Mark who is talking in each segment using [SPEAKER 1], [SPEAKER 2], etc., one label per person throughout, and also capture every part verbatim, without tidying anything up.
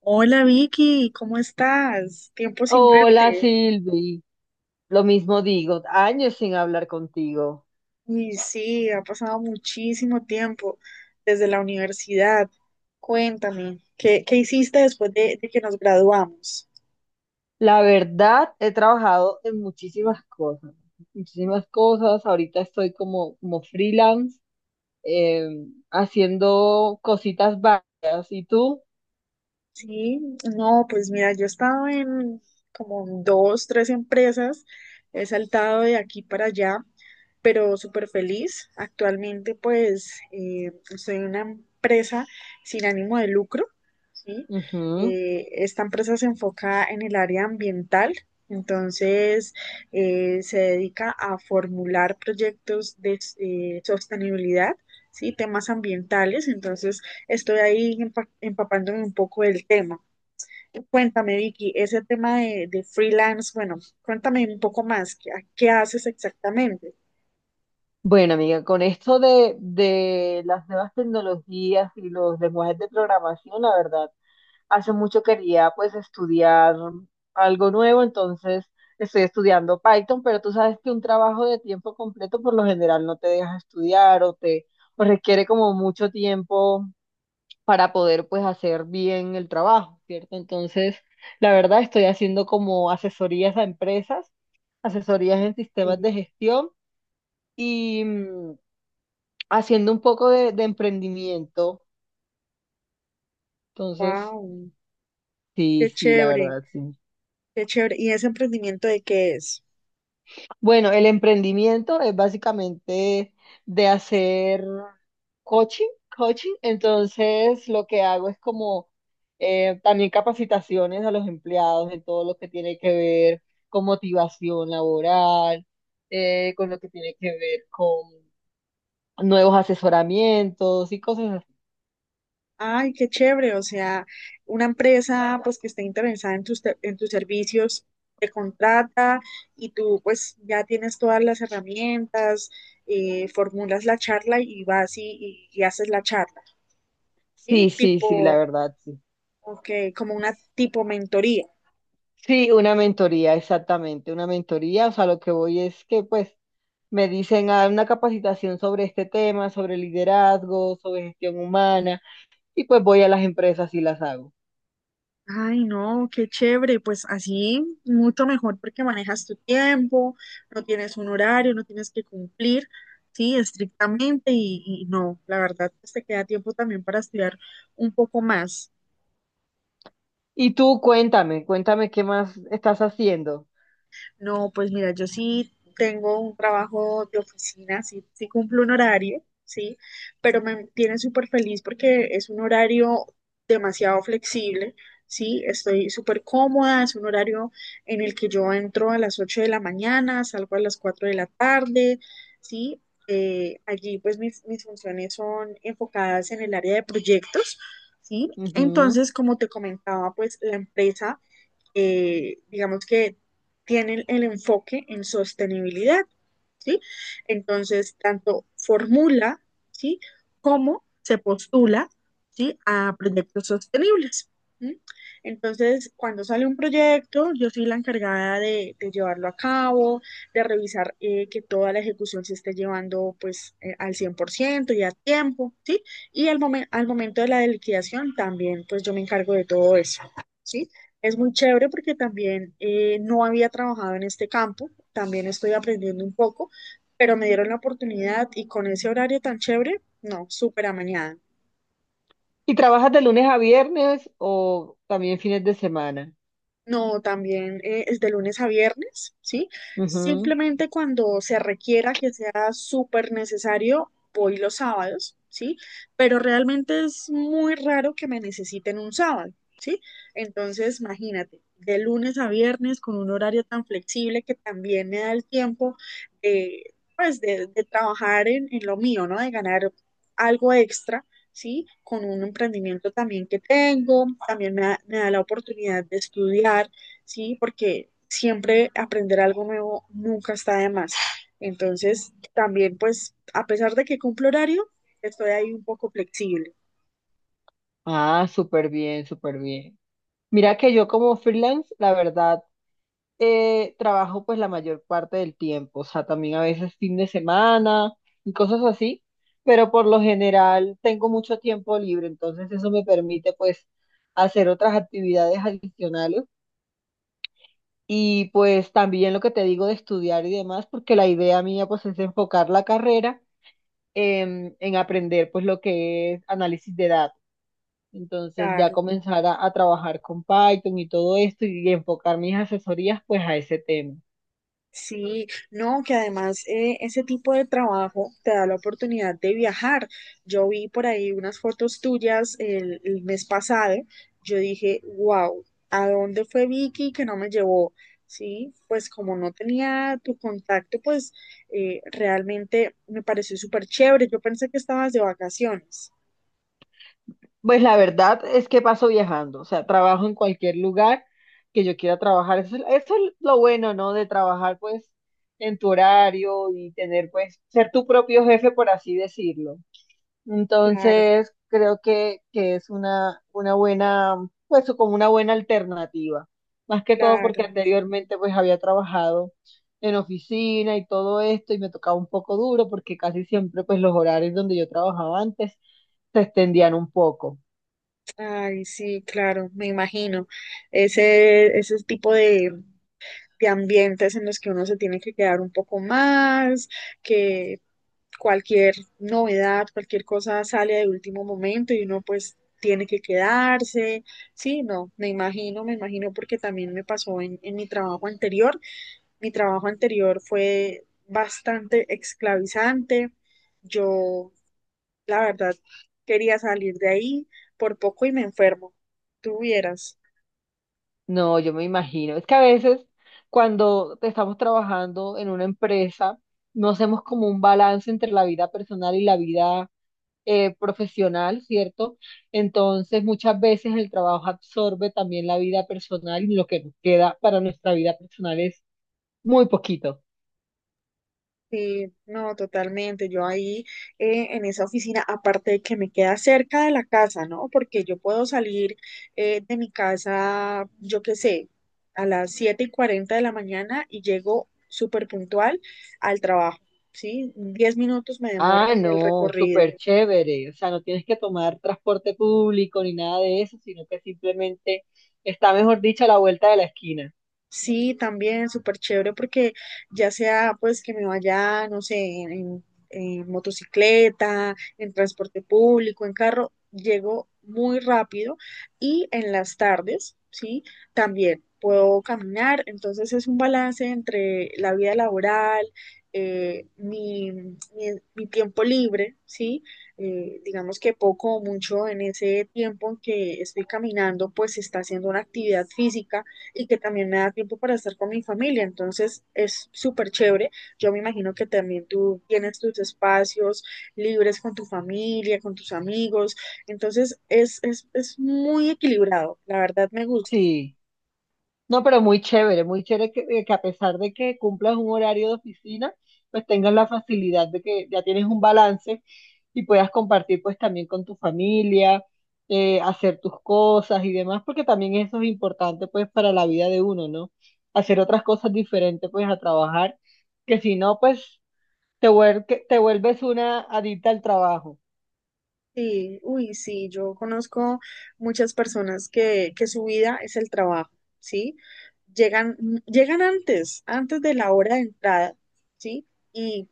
[SPEAKER 1] Hola Vicky, ¿cómo estás? Tiempo sin
[SPEAKER 2] Hola
[SPEAKER 1] verte.
[SPEAKER 2] Silvi, lo mismo digo, años sin hablar contigo.
[SPEAKER 1] Y sí, ha pasado muchísimo tiempo desde la universidad. Cuéntame, ¿qué, qué hiciste después de, de que nos graduamos?
[SPEAKER 2] La verdad, he trabajado en muchísimas cosas, muchísimas cosas. Ahorita estoy como, como freelance, eh, haciendo cositas varias. ¿Y tú?
[SPEAKER 1] Sí, no, pues mira, yo he estado en como dos, tres empresas, he saltado de aquí para allá, pero súper feliz. Actualmente, pues, eh, soy una empresa sin ánimo de lucro, ¿sí?
[SPEAKER 2] Ujú.
[SPEAKER 1] Eh, esta empresa se enfoca en el área ambiental, entonces eh, se dedica a formular proyectos de eh, sostenibilidad, ¿sí? Temas ambientales, entonces Estoy ahí empa- empapándome un poco del tema. Cuéntame, Vicky, ese tema de, de freelance, bueno, cuéntame un poco más, ¿qué, qué haces exactamente?
[SPEAKER 2] Bueno, amiga, con esto de, de las nuevas tecnologías y los lenguajes de programación, la verdad. Hace mucho quería pues estudiar algo nuevo, entonces estoy estudiando Python, pero tú sabes que un trabajo de tiempo completo por lo general no te deja estudiar o te o requiere como mucho tiempo para poder pues hacer bien el trabajo, ¿cierto? Entonces, la verdad estoy haciendo como asesorías a empresas, asesorías en sistemas de gestión y mm, haciendo un poco de, de emprendimiento. Entonces,
[SPEAKER 1] wow,
[SPEAKER 2] sí,
[SPEAKER 1] qué
[SPEAKER 2] sí, la
[SPEAKER 1] chévere,
[SPEAKER 2] verdad, sí.
[SPEAKER 1] qué chévere. ¿Y ese emprendimiento de qué es?
[SPEAKER 2] Bueno, el emprendimiento es básicamente de hacer coaching, coaching. Entonces, lo que hago es como eh, también capacitaciones a los empleados en todo lo que tiene que ver con motivación laboral, eh, con lo que tiene que ver con nuevos asesoramientos y cosas así.
[SPEAKER 1] Ay, qué chévere, o sea, una empresa pues que esté interesada en tus, te- en tus servicios te contrata y tú pues ya tienes todas las herramientas, eh, formulas la charla y vas y, y- y haces la charla,
[SPEAKER 2] Sí,
[SPEAKER 1] ¿sí?
[SPEAKER 2] sí, sí, la
[SPEAKER 1] Tipo
[SPEAKER 2] verdad, sí.
[SPEAKER 1] Ok, como una tipo mentoría.
[SPEAKER 2] Sí, una mentoría, exactamente, una mentoría. O sea, lo que voy es que pues me dicen a una capacitación sobre este tema, sobre liderazgo, sobre gestión humana, y pues voy a las empresas y las hago.
[SPEAKER 1] Ay, no, qué chévere. Pues así, mucho mejor porque manejas tu tiempo, no tienes un horario, no tienes que cumplir, sí, estrictamente. Y, y no, la verdad, pues te queda tiempo también para estudiar un poco más.
[SPEAKER 2] Y tú cuéntame, cuéntame qué más estás haciendo.
[SPEAKER 1] No, pues mira, yo sí tengo un trabajo de oficina, sí, sí cumplo un horario, sí, pero me tiene súper feliz porque es un horario demasiado flexible, sí, estoy súper cómoda, es un horario en el que yo entro a las ocho de la mañana, salgo a las cuatro de la tarde, sí. Eh, allí pues mis, mis funciones son enfocadas en el área de proyectos, ¿sí?
[SPEAKER 2] Ujú.
[SPEAKER 1] Entonces, como te comentaba, pues la empresa eh, digamos que tienen el enfoque en sostenibilidad, ¿sí? Entonces, tanto formula, ¿sí? Como se postula, ¿sí? A proyectos sostenibles. ¿Sí? Entonces, cuando sale un proyecto, yo soy la encargada de, de llevarlo a cabo, de revisar eh, que toda la ejecución se esté llevando pues eh, al cien por ciento y a tiempo, ¿sí? Y al, momen- al momento de la liquidación también, pues yo me encargo de todo eso, ¿sí? Es muy chévere porque también eh, no había trabajado en este campo, también estoy aprendiendo un poco, pero me dieron la oportunidad y con ese horario tan chévere, no, súper amañada.
[SPEAKER 2] ¿Y trabajas de lunes a viernes o también fines de semana?
[SPEAKER 1] No, también eh, es de lunes a viernes, ¿sí?
[SPEAKER 2] Ujú.
[SPEAKER 1] Simplemente cuando se requiera que sea súper necesario, voy los sábados, ¿sí? Pero realmente es muy raro que me necesiten un sábado, ¿sí? Entonces, imagínate, de lunes a viernes con un horario tan flexible que también me da el tiempo de, pues, de, de trabajar en, en lo mío, ¿no? De ganar algo extra, ¿sí? Con un emprendimiento también que tengo, también me da, me da la oportunidad de estudiar, ¿sí? Porque siempre aprender algo nuevo nunca está de más. Entonces, también pues, a pesar de que cumplo horario, estoy ahí un poco flexible.
[SPEAKER 2] Ah, súper bien, súper bien. Mira que yo como freelance, la verdad, eh, trabajo pues la mayor parte del tiempo, o sea, también a veces fin de semana y cosas así, pero por lo general tengo mucho tiempo libre, entonces eso me permite pues hacer otras actividades adicionales y pues también lo que te digo de estudiar y demás, porque la idea mía pues es enfocar la carrera en, en aprender pues lo que es análisis de datos. Entonces ya
[SPEAKER 1] Claro.
[SPEAKER 2] comenzar a, a trabajar con Python y todo esto y enfocar mis asesorías pues a ese tema.
[SPEAKER 1] Sí, no, que además eh, ese tipo de trabajo te da la oportunidad de viajar. Yo vi por ahí unas fotos tuyas el, el mes pasado. Yo dije, wow, ¿a dónde fue Vicky que no me llevó? Sí, pues como no tenía tu contacto, pues eh, realmente me pareció súper chévere. Yo pensé que estabas de vacaciones.
[SPEAKER 2] Pues la verdad es que paso viajando, o sea, trabajo en cualquier lugar que yo quiera trabajar. Eso, es eso es lo bueno, ¿no? De trabajar pues en tu horario y tener pues ser tu propio jefe, por así decirlo.
[SPEAKER 1] Claro,
[SPEAKER 2] Entonces, creo que, que es una, una buena, pues como una buena alternativa. Más que todo
[SPEAKER 1] claro.
[SPEAKER 2] porque anteriormente pues había trabajado en oficina y todo esto y me tocaba un poco duro porque casi siempre pues los horarios donde yo trabajaba antes se extendían un poco.
[SPEAKER 1] Ay, sí, claro, me imagino. Ese, ese tipo de, de ambientes en los que uno se tiene que quedar un poco más, que cualquier novedad, cualquier cosa sale de último momento y uno pues tiene que quedarse. Sí, no, me imagino, me imagino porque también me pasó en, en mi trabajo anterior. Mi trabajo anterior fue bastante esclavizante. Yo, la verdad, quería salir de ahí por poco y me enfermo. Tuvieras.
[SPEAKER 2] No, yo me imagino. Es que a veces cuando estamos trabajando en una empresa, no hacemos como un balance entre la vida personal y la vida eh, profesional, ¿cierto? Entonces, muchas veces el trabajo absorbe también la vida personal y lo que nos queda para nuestra vida personal es muy poquito.
[SPEAKER 1] Sí, no, totalmente. Yo ahí eh, en esa oficina, aparte de que me queda cerca de la casa, ¿no? Porque yo puedo salir eh, de mi casa, yo qué sé, a las siete y cuarenta de la mañana y llego súper puntual al trabajo, ¿sí? diez minutos me demoro
[SPEAKER 2] Ah,
[SPEAKER 1] en el
[SPEAKER 2] no,
[SPEAKER 1] recorrido.
[SPEAKER 2] súper chévere. O sea, no tienes que tomar transporte público ni nada de eso, sino que simplemente está, mejor dicho, a la vuelta de la esquina.
[SPEAKER 1] Sí, también súper chévere porque ya sea pues que me vaya, no sé, en, en- motocicleta, en transporte público, en carro, llego muy rápido y en las tardes, sí, también puedo caminar. Entonces es un balance entre la vida laboral, eh, mi, mi, mi tiempo libre, sí. Eh, digamos que poco o mucho en ese tiempo en que estoy caminando, pues se está haciendo una actividad física y que también me da tiempo para estar con mi familia. Entonces es súper chévere. Yo me imagino que también tú tienes tus espacios libres con tu familia, con tus amigos. Entonces es, es, es muy equilibrado. La verdad me gusta.
[SPEAKER 2] Sí. No, pero muy chévere, muy chévere que, eh, que a pesar de que cumplas un horario de oficina, pues tengas la facilidad de que ya tienes un balance y puedas compartir pues también con tu familia, eh, hacer tus cosas y demás, porque también eso es importante pues para la vida de uno, ¿no? Hacer otras cosas diferentes pues a trabajar, que si no pues te vuel- que te vuelves una adicta al trabajo.
[SPEAKER 1] Sí, uy, sí, yo conozco muchas personas que, que su vida es el trabajo, ¿sí? Llegan, mm, llegan antes, antes de la hora de entrada, ¿sí? Y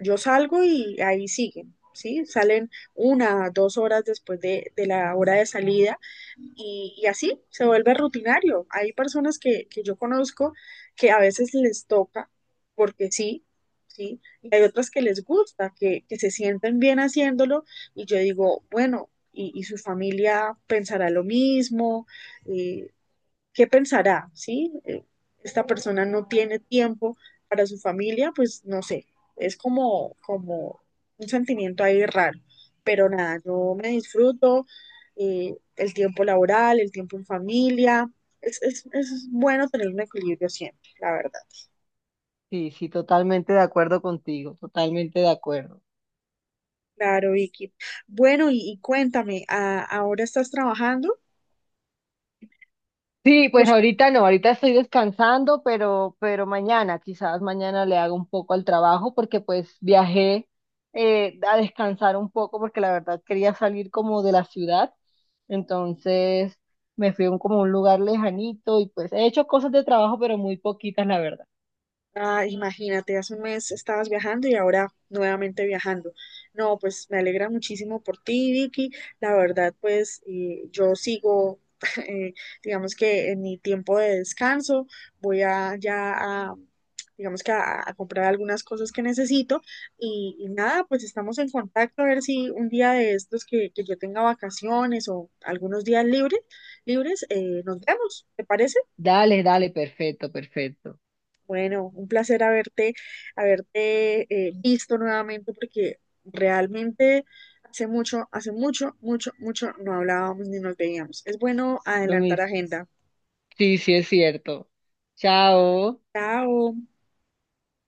[SPEAKER 1] yo salgo y ahí siguen, ¿sí? Salen una, dos horas después de, de la hora de salida y, y así se vuelve rutinario. Hay personas que, que yo conozco que a veces les toca, porque sí, sí, y hay otras que les gusta, que, que se sienten bien haciéndolo, y yo digo, bueno, y, y su familia pensará lo mismo, eh, ¿qué pensará? ¿Sí? Eh, Esta persona no tiene tiempo para su familia, pues no sé, es como, como, un sentimiento ahí raro, pero nada, yo me disfruto eh, el tiempo laboral, el tiempo en familia, es, es, es bueno tener un equilibrio siempre, la verdad.
[SPEAKER 2] Sí, sí, totalmente de acuerdo contigo, totalmente de acuerdo.
[SPEAKER 1] Claro, Vicky. Bueno, y, y cuéntame, ¿a- ¿ahora estás trabajando?
[SPEAKER 2] Sí, pues ahorita no, ahorita estoy descansando, pero, pero mañana, quizás mañana le hago un poco al trabajo porque pues viajé eh, a descansar un poco porque la verdad quería salir como de la ciudad, entonces me fui a un, como un lugar lejanito y pues he hecho cosas de trabajo, pero muy poquitas, la verdad.
[SPEAKER 1] Ah, imagínate, hace un mes estabas viajando y ahora nuevamente viajando. No, pues me alegra muchísimo por ti, Vicky. La verdad, pues eh, yo sigo, eh, digamos que en mi tiempo de descanso, voy a ya a, digamos que a, a comprar algunas cosas que necesito y, y nada, pues estamos en contacto a ver si un día de estos que, que yo tenga vacaciones o algunos días libres, libres, eh, nos vemos, ¿te parece?
[SPEAKER 2] Dale, dale, perfecto, perfecto.
[SPEAKER 1] Bueno, un placer haberte, haberte eh, visto nuevamente porque realmente hace mucho, hace mucho, mucho, mucho no hablábamos ni nos veíamos. Es bueno
[SPEAKER 2] Lo
[SPEAKER 1] adelantar
[SPEAKER 2] mis-
[SPEAKER 1] agenda.
[SPEAKER 2] Sí, sí es cierto. Chao.
[SPEAKER 1] Chao.